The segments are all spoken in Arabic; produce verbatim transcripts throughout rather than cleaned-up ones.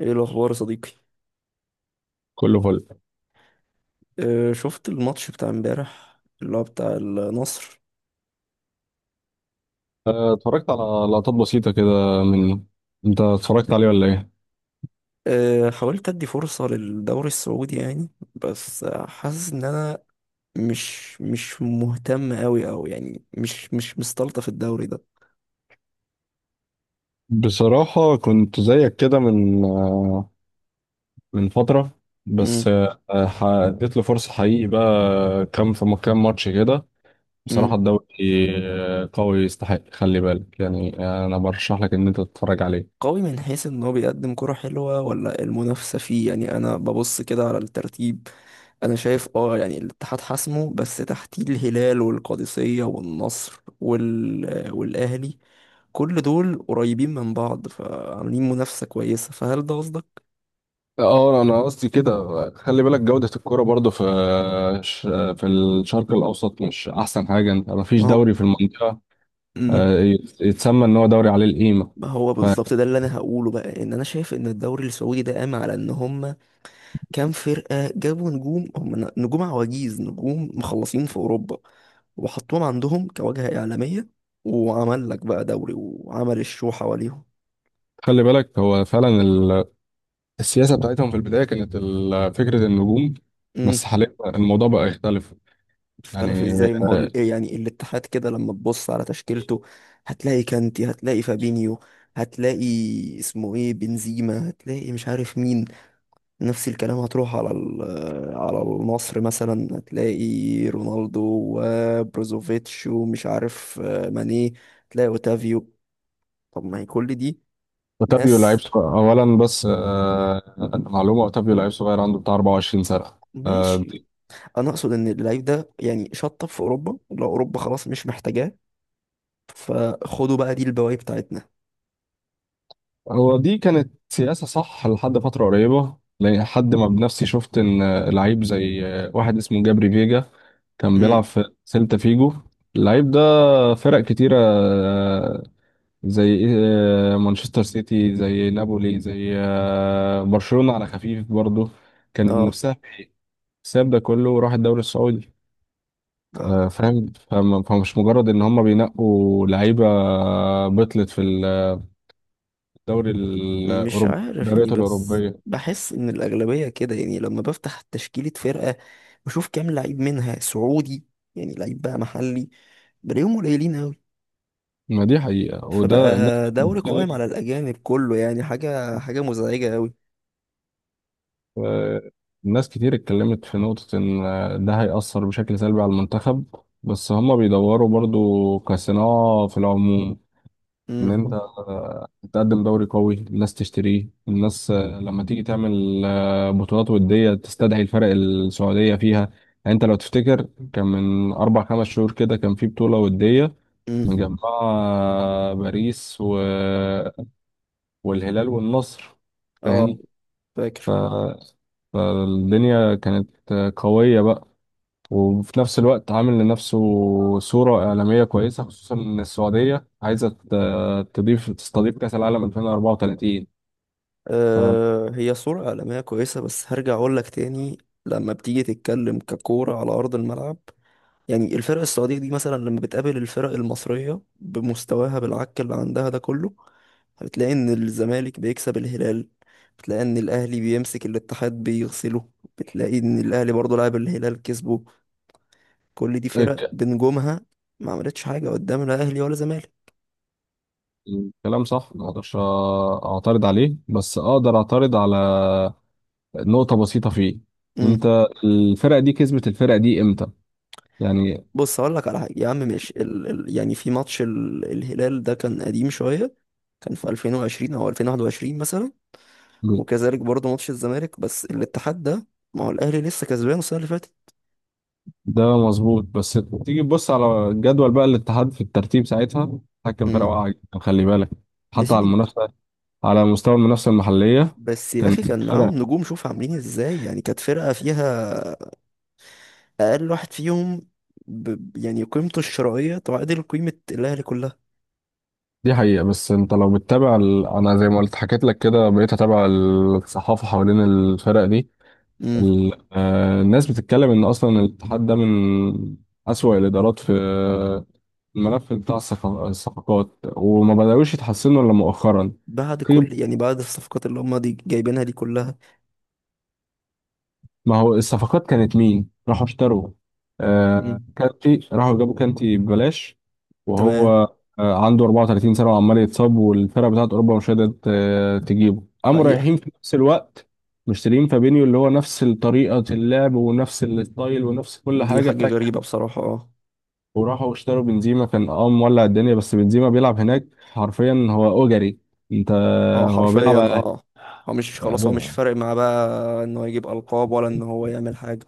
ايه الاخبار يا صديقي. كله فل. أه شفت الماتش بتاع امبارح اللي هو بتاع النصر. آه، اتفرجت على لقطات بسيطة كده من. انت اتفرجت عليه ولا ايه؟ أه حاولت ادي فرصة للدوري السعودي يعني. بس آه، حاسس ان انا مش مش مهتم قوي او يعني مش مش مستلطف الدوري ده. بصراحة كنت زيك كده من من فترة. بس امم آه، آه، اديت له فرصة حقيقي بقى. كام في كام ماتش كده. بصراحة امم الدوري آه، قوي، يستحق خلي بالك، يعني. آه، انا برشح لك ان انت تتفرج عليه. قوي من حيث ان هو بيقدم كرة حلوة ولا المنافسة فيه. يعني انا ببص كده على الترتيب. انا شايف اه يعني الاتحاد حاسمه، بس تحتيه الهلال والقادسية والنصر وال... والاهلي. كل دول قريبين من بعض فعاملين منافسة كويسة، فهل ده قصدك؟ اه انا قصدي كده، خلي بالك جودة الكرة برضو في في الشرق الاوسط مش احسن حاجة. انت مفيش ما هو دوري في المنطقة. مم. آه، يت- يتسمى ان هو دوري عليه القيمه. ما هو بالظبط ده اللي انا هقوله بقى. ان انا شايف ان الدوري السعودي ده قام على ان هم كام فرقة جابوا نجوم، هم ن- نجوم عواجيز، نجوم مخلصين في اوروبا، وحطوهم عندهم كواجهة اعلامية، وعمل لك بقى دوري وعمل الشو حواليهم. فخلي بالك هو فعلا ال- السياسه بتاعتهم في البدايه كانت ال- فكره النجوم. امم. بس حاليا الموضوع بقى يختلف. اختلف يعني ازاي؟ ما هو ال- آه، إيه يعني الاتحاد كده لما تبص على تشكيلته هتلاقي كانتي، هتلاقي فابينيو، هتلاقي اسمه ايه بنزيما، هتلاقي مش عارف مين. نفس الكلام هتروح على ال- على النصر مثلا هتلاقي رونالدو وبروزوفيتش ومش عارف آه، ماني، هتلاقي اوتافيو. طب ما هي كل دي اوتافيو لعيب ناس. صغ- اولا، بس آه، معلومه، اوتافيو لعيب صغير عنده بتاع أربعة وعشرين سنه. آه، ماشي. انا اقصد ان اللعيب ده يعني شطب في اوروبا، لو اوروبا خلاص مش محتاجاه فخدوا بقى دي البواقي بتاعتنا. هو دي كانت سياسة صح لحد فترة قريبة، لحد ما بنفسي شفت إن لعيب زي واحد اسمه جابري فيجا كان امم. بيلعب في سيلتا فيجو. اللعيب ده فرق كتيرة آه، زي آه، مانشستر سيتي، زي نابولي، زي آه، برشلونة على خفيف برضه كانت اه. نفسها في الحساب ده كله، وراح الدوري السعودي. آه، آه، فاهم. فم- فمش مجرد إن هم بينقوا لعيبة بطلت في الدوري مش الأوروبي عارف يعني، الدوريات بس الأوروبية. بحس ان الاغلبيه كده. يعني لما بفتح تشكيله فرقه بشوف كام لعيب منها سعودي، يعني لعيب بقى محلي، بلاقيهم قليلين قوي. ما دي حقيقة، فبقى وده الناس دوري قائم على بتتكلم. الاجانب كله. يعني حاجه حاجه مزعجه قوي. آه، الناس كتير اتكلمت في نقطة إن آه، ده هيأثر بشكل سلبي على المنتخب، بس هما بيدوروا برضو كصناعة في العموم. إن امم. أنت آه، تقدم دوري قوي، الناس تشتريه، الناس آه، لما تيجي تعمل آه، بطولات ودية تستدعي الفرق السعودية فيها. يعني أنت لو تفتكر، كان من أربع خمس شهور كده كان في بطولة ودية امم. مجمعة باريس و... والهلال والنصر، اه. فاهم. ف... فاكر. فالدنيا كانت قوية بقى. وفي نفس الوقت عامل لنفسه صورة إعلامية كويسة، خصوصا إن السعودية عايزة ت- تضيف تستضيف كأس العالم ألفين وأربعة وثلاثين. آه هي صوره عالميه كويسه، بس هرجع اقول لك تاني. لما بتيجي تتكلم ككوره على ارض الملعب، يعني الفرق السعودية دي مثلا لما بتقابل الفرق المصرية بمستواها بالعك اللي عندها ده كله، بتلاقي ان الزمالك بيكسب الهلال، بتلاقي ان الاهلي بيمسك الاتحاد بيغسله، بتلاقي ان الاهلي برضه لعب الهلال كسبه. كل دي فرق فالكلام بنجومها، ما عملتش حاجة قدام لا اهلي ولا زمالك. صح، ما أقدرش أعترض عليه، بس أقدر أعترض على نقطة بسيطة فيه. امم. أنت الفرقة دي كسبت الفرقة دي إمتى؟ يعني بص هقول لك على حاجة يا عم. ماشي ال... ال... يعني في ماتش ال... الهلال ده كان قديم شوية، كان في ألفين وعشرين او ألفين وواحد وعشرين مثلا، وكذلك برضه ماتش الزمالك. بس الاتحاد ده، ما هو الاهلي لسه كسبان السنه اللي فاتت. ده مظبوط. بس تيجي تبص على الجدول، بقى الاتحاد في الترتيب ساعتها حكم امم. فرقة واقعة جدا، خلي بالك، يا حتى على سيدي. المنافسة، على مستوى المنافسة المحلية. بس يا كان اخي كان معاهم فرق. نجوم، شوف عاملين ازاي. يعني كانت فرقه فيها اقل واحد فيهم ب... يعني قيمته الشرائيه تعادل قيمه الاهلي كلها. دي حقيقة، بس انت لو بتتابع ال... انا زي ما قلت حكيت لك كده، بقيت اتابع الصحافة حوالين الفرق دي. امم. ال... آه الناس بتتكلم ان اصلا الاتحاد ده من اسوأ الادارات في الملف بتاع الصفق- الصفقات، وما بدأوش يتحسنوا الا مؤخرا. بعد كل يعني بعد الصفقات اللي هم دي جايبينها دي كلها. ما هو الصفقات كانت مين راحوا اشتروا؟ آه امم. كانتي راحوا جابوا كانتي ببلاش. وهو تمام. آه عنده أربعة وثلاثين سنة وعمال يتصاب، والفرقة بتاعت أوروبا مش قادرة آه، تجيبه، قاموا حقيقه. رايحين في نفس الوقت مشترين فابينيو اللي هو نفس طريقة اللعب ونفس الستايل ونفس كل دي حاجة حاجه بتاعت. غريبه بصراحه. اه. وراحوا اشتروا بنزيما، كان اه مولع الدنيا، بس بنزيما بيلعب هناك حرفيا. هو أجري. انت، هو هو بيلعب، حرفيا اه. هو مش خلاص، هو مش فارق معاه بقى ان هو يجيب القاب ولا ان هو يعمل حاجه.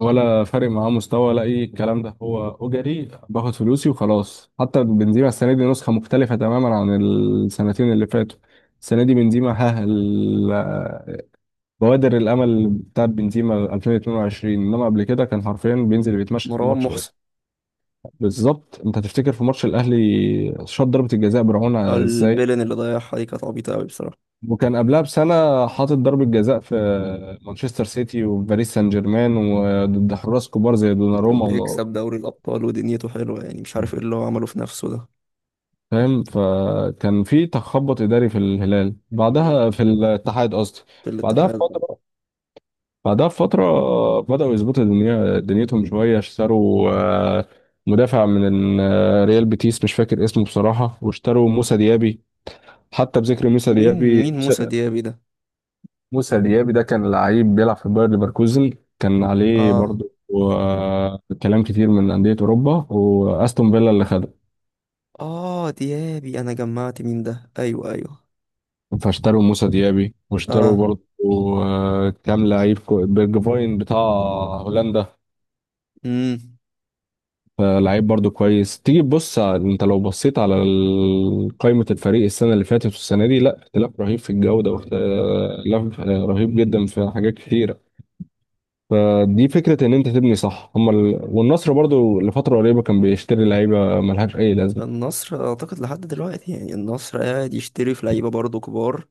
ولا فارق معاه مستوى ولا اي الكلام ده، هو اجري باخد فلوسي وخلاص. حتى بنزيما السنه دي نسخه مختلفه تماما عن السنتين اللي فاتوا. السنه دي بنزيما ها ال- بوادر الامل بتاعت بنزيما ألفين واثنين وعشرين، انما قبل كده كان حرفيا بينزل بيتمشى في مروان الماتش. محسن. بالظبط. انت تفتكر في ماتش الاهلي شاط ضربه الجزاء برعونة ازاي، البيلن اللي ضيعها دي كانت عبيطة أوي بصراحة. وكان قبلها بسنة حاطط ضربة جزاء في مانشستر سيتي وباريس سان جيرمان، وضد حراس كبار زي دوناروما. وبيكسب دوري الأبطال ودنيته حلوة، يعني مش عارف ايه اللي هو عمله في نفسه ده. فاهم. فكان في تخبط اداري في الهلال، مم. بعدها في الاتحاد قصدي. في بعدها الاتحاد. بفتره بعدها بفتره بداوا يظبطوا دنيا دنيتهم شويه. اشتروا آه، مدافع من آه، ريال بيتيس مش فاكر اسمه بصراحه، واشتروا موسى ديابي. حتى بذكر موسى مين ديابي. مين موسى ديابي ده؟ موسى ديابي ده كان لعيب بيلعب في باير ليفركوزن. كان عليه اه. برضه آه، كلام كتير من انديه اوروبا، واستون فيلا اللي خده. اه ديابي أنا جمعت مين ده، أيوه أيوه. فاشتروا موسى ديابي، واشتروا اه. برضه آه، كام لعيب. كو- بيرجفاين بتاع هولندا، مم. لعيب برضه كويس. تيجي تبص على- انت لو بصيت على ال- قائمة الفريق السنة اللي فاتت والسنة دي، لا اختلاف رهيب في الجودة، واختلاف رهيب جدا في حاجات كتيرة. فدي فكرة ان انت تبني صح. هم ال... والنصر برضه لفترة قريبة كان بيشتري لعيبة ملهاش اي لازمة. النصر أعتقد لحد دلوقتي يعني النصر قاعد يشتري في لعيبة برضه كبار،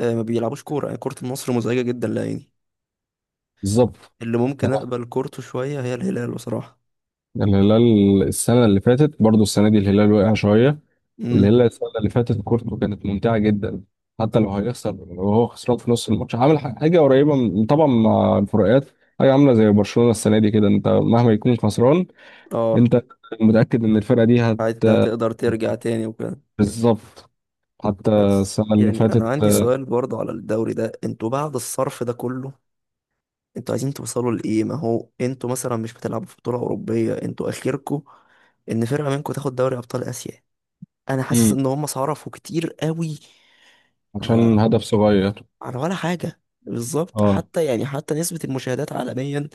آه ما بيلعبوش كورة. يعني كورة النصر مزعجة جدا لعيني. بالظبط. اللي ممكن أقبل كورته شوية هي الهلال بصراحة. الهلال السنة اللي فاتت برضه السنة دي الهلال وقع شوية. اللي مم. هي السنة اللي فاتت كورتو كانت ممتعة جدا. حتى لو هيخسر، وهو خسران في نص الماتش، عامل ح- حاجة قريبة من، طبعا مع الفروقات، حاجة عاملة زي برشلونة السنة دي كده. انت مهما يكون خسران، اه. انت متأكد ان الفرقة دي هت هت- هتقدر ترجع تاني وكده. بالظبط. حتى بس السنة اللي يعني انا فاتت. عندي سؤال برضه على الدوري ده، انتوا بعد الصرف ده كله انتوا عايزين توصلوا لايه؟ ما هو انتوا مثلا مش بتلعبوا في بطولة أوروبية، انتوا اخركوا ان فرقة منكم تاخد دوري ابطال اسيا. انا حاسس مم. ان هم صرفوا كتير قوي على، عشان هدف صغير. على ولا حاجة بالظبط. اه حتى يعني حتى نسبة المشاهدات عالميا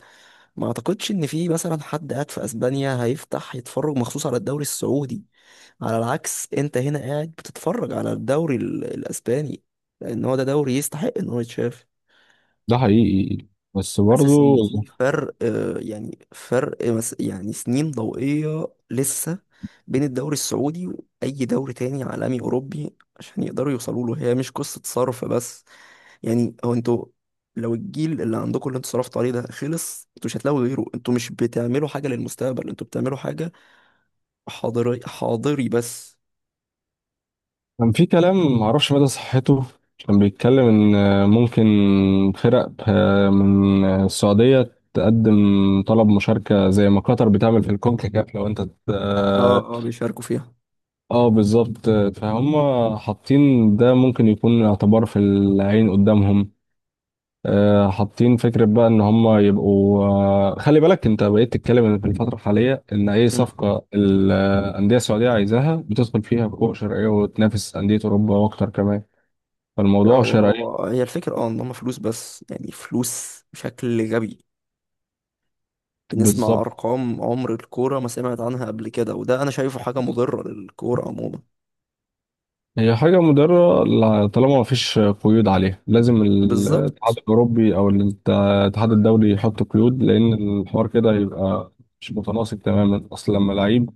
ما اعتقدش ان في مثلا حد قاعد في اسبانيا هيفتح يتفرج مخصوص على الدوري السعودي. على العكس، انت هنا قاعد بتتفرج على الدوري ال- الاسباني لان هو ده دوري يستحق ان هو يتشاف. ده حقيقي، بس حاسس برضو ان في فرق آه، يعني فرق مس- يعني سنين ضوئية لسه بين الدوري السعودي واي دوري تاني عالمي اوروبي عشان يقدروا يوصلوا له. هي مش قصة صرف بس. يعني هو انتوا، لو الجيل اللي عندكم اللي انتوا صرفتوا عليه ده خلص انتوا مش هتلاقوا غيره. انتوا مش بتعملوا حاجة للمستقبل، انتوا بتعملوا حاجة حاضري حاضري بس. كان في كلام معرفش مدى صحته. كان بيتكلم إن ممكن فرق آه، من السعودية تقدم طلب مشاركة زي ما قطر بتعمل في الكونكاكاف، لو أنت ت- اه اه اه بيشاركوا فيها. آه، بالظبط. فهم حاطين ده ممكن يكون اعتبار في العين قدامهم. آه، حاطين فكرة بقى إن هم يبقوا. آه، خلي بالك، أنت بقيت تتكلم إن في الفترة الحالية إن أي صفقة الأندية السعودية عايزاها بتدخل فيها بقوة شرعية وتنافس أندية أوروبا وأكتر كمان. فالموضوع هو شرعي. هو هي الفكرة، اه ان هم فلوس، بس يعني فلوس بشكل غبي. بنسمع بالظبط. ارقام عمر الكورة ما سمعت عنها قبل كده، وده انا شايفه حاجة مضرة للكورة عموما. هي حاجة مضرة ل- طالما مفيش قيود عليها، لازم الاتحاد بالظبط. الأوروبي أو الت- الاتحاد الدولي يحط قيود، لأن الحوار كده يبقى مش متناسق تماما. أصل لما لعيب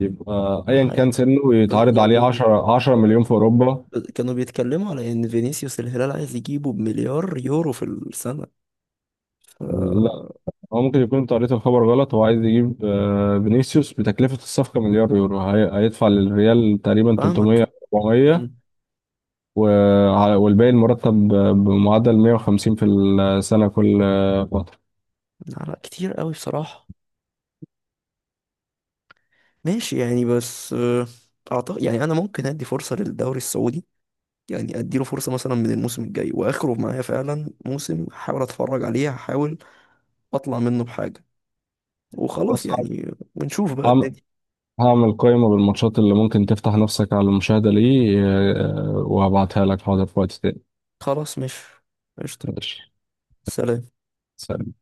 يبقى أيا ح- كان سنه بز- يتعرض عليه يعني عشرة عشرة كانوا مليون في أوروبا. كانوا بيتكلموا على ان فينيسيوس الهلال عايز يجيبه بمليار يورو في السنة. ف- لا، هو ممكن يكون أنت قريت الخبر غلط. هو عايز يجيب آه، فينيسيوس بتكلفة الصفقة مليار يورو. هي- هيدفع للريال تقريبا فاهمك. تلتمية ربعمية. مم. وع- والباقي المرتب ب- بمعدل مية وخمسين في السنة كل فترة. لا لا، كتير قوي بصراحة. ماشي يعني، بس آه، اعتقد يعني انا ممكن ادي فرصة للدوري السعودي. يعني اديله فرصه مثلا من الموسم الجاي واخره معايا فعلا موسم، هحاول اتفرج عليه، هحاول اطلع منه بحاجه وخلاص. بص. ه- يعني ونشوف بقى هعم- الدنيا. هعمل قائمة بالماتشات اللي ممكن تفتح نفسك على المشاهدة ليه. آه، وهبعتها لك حاضر في وقت تاني. خلاص مش، قشطه. ماشي، سلام. سلام.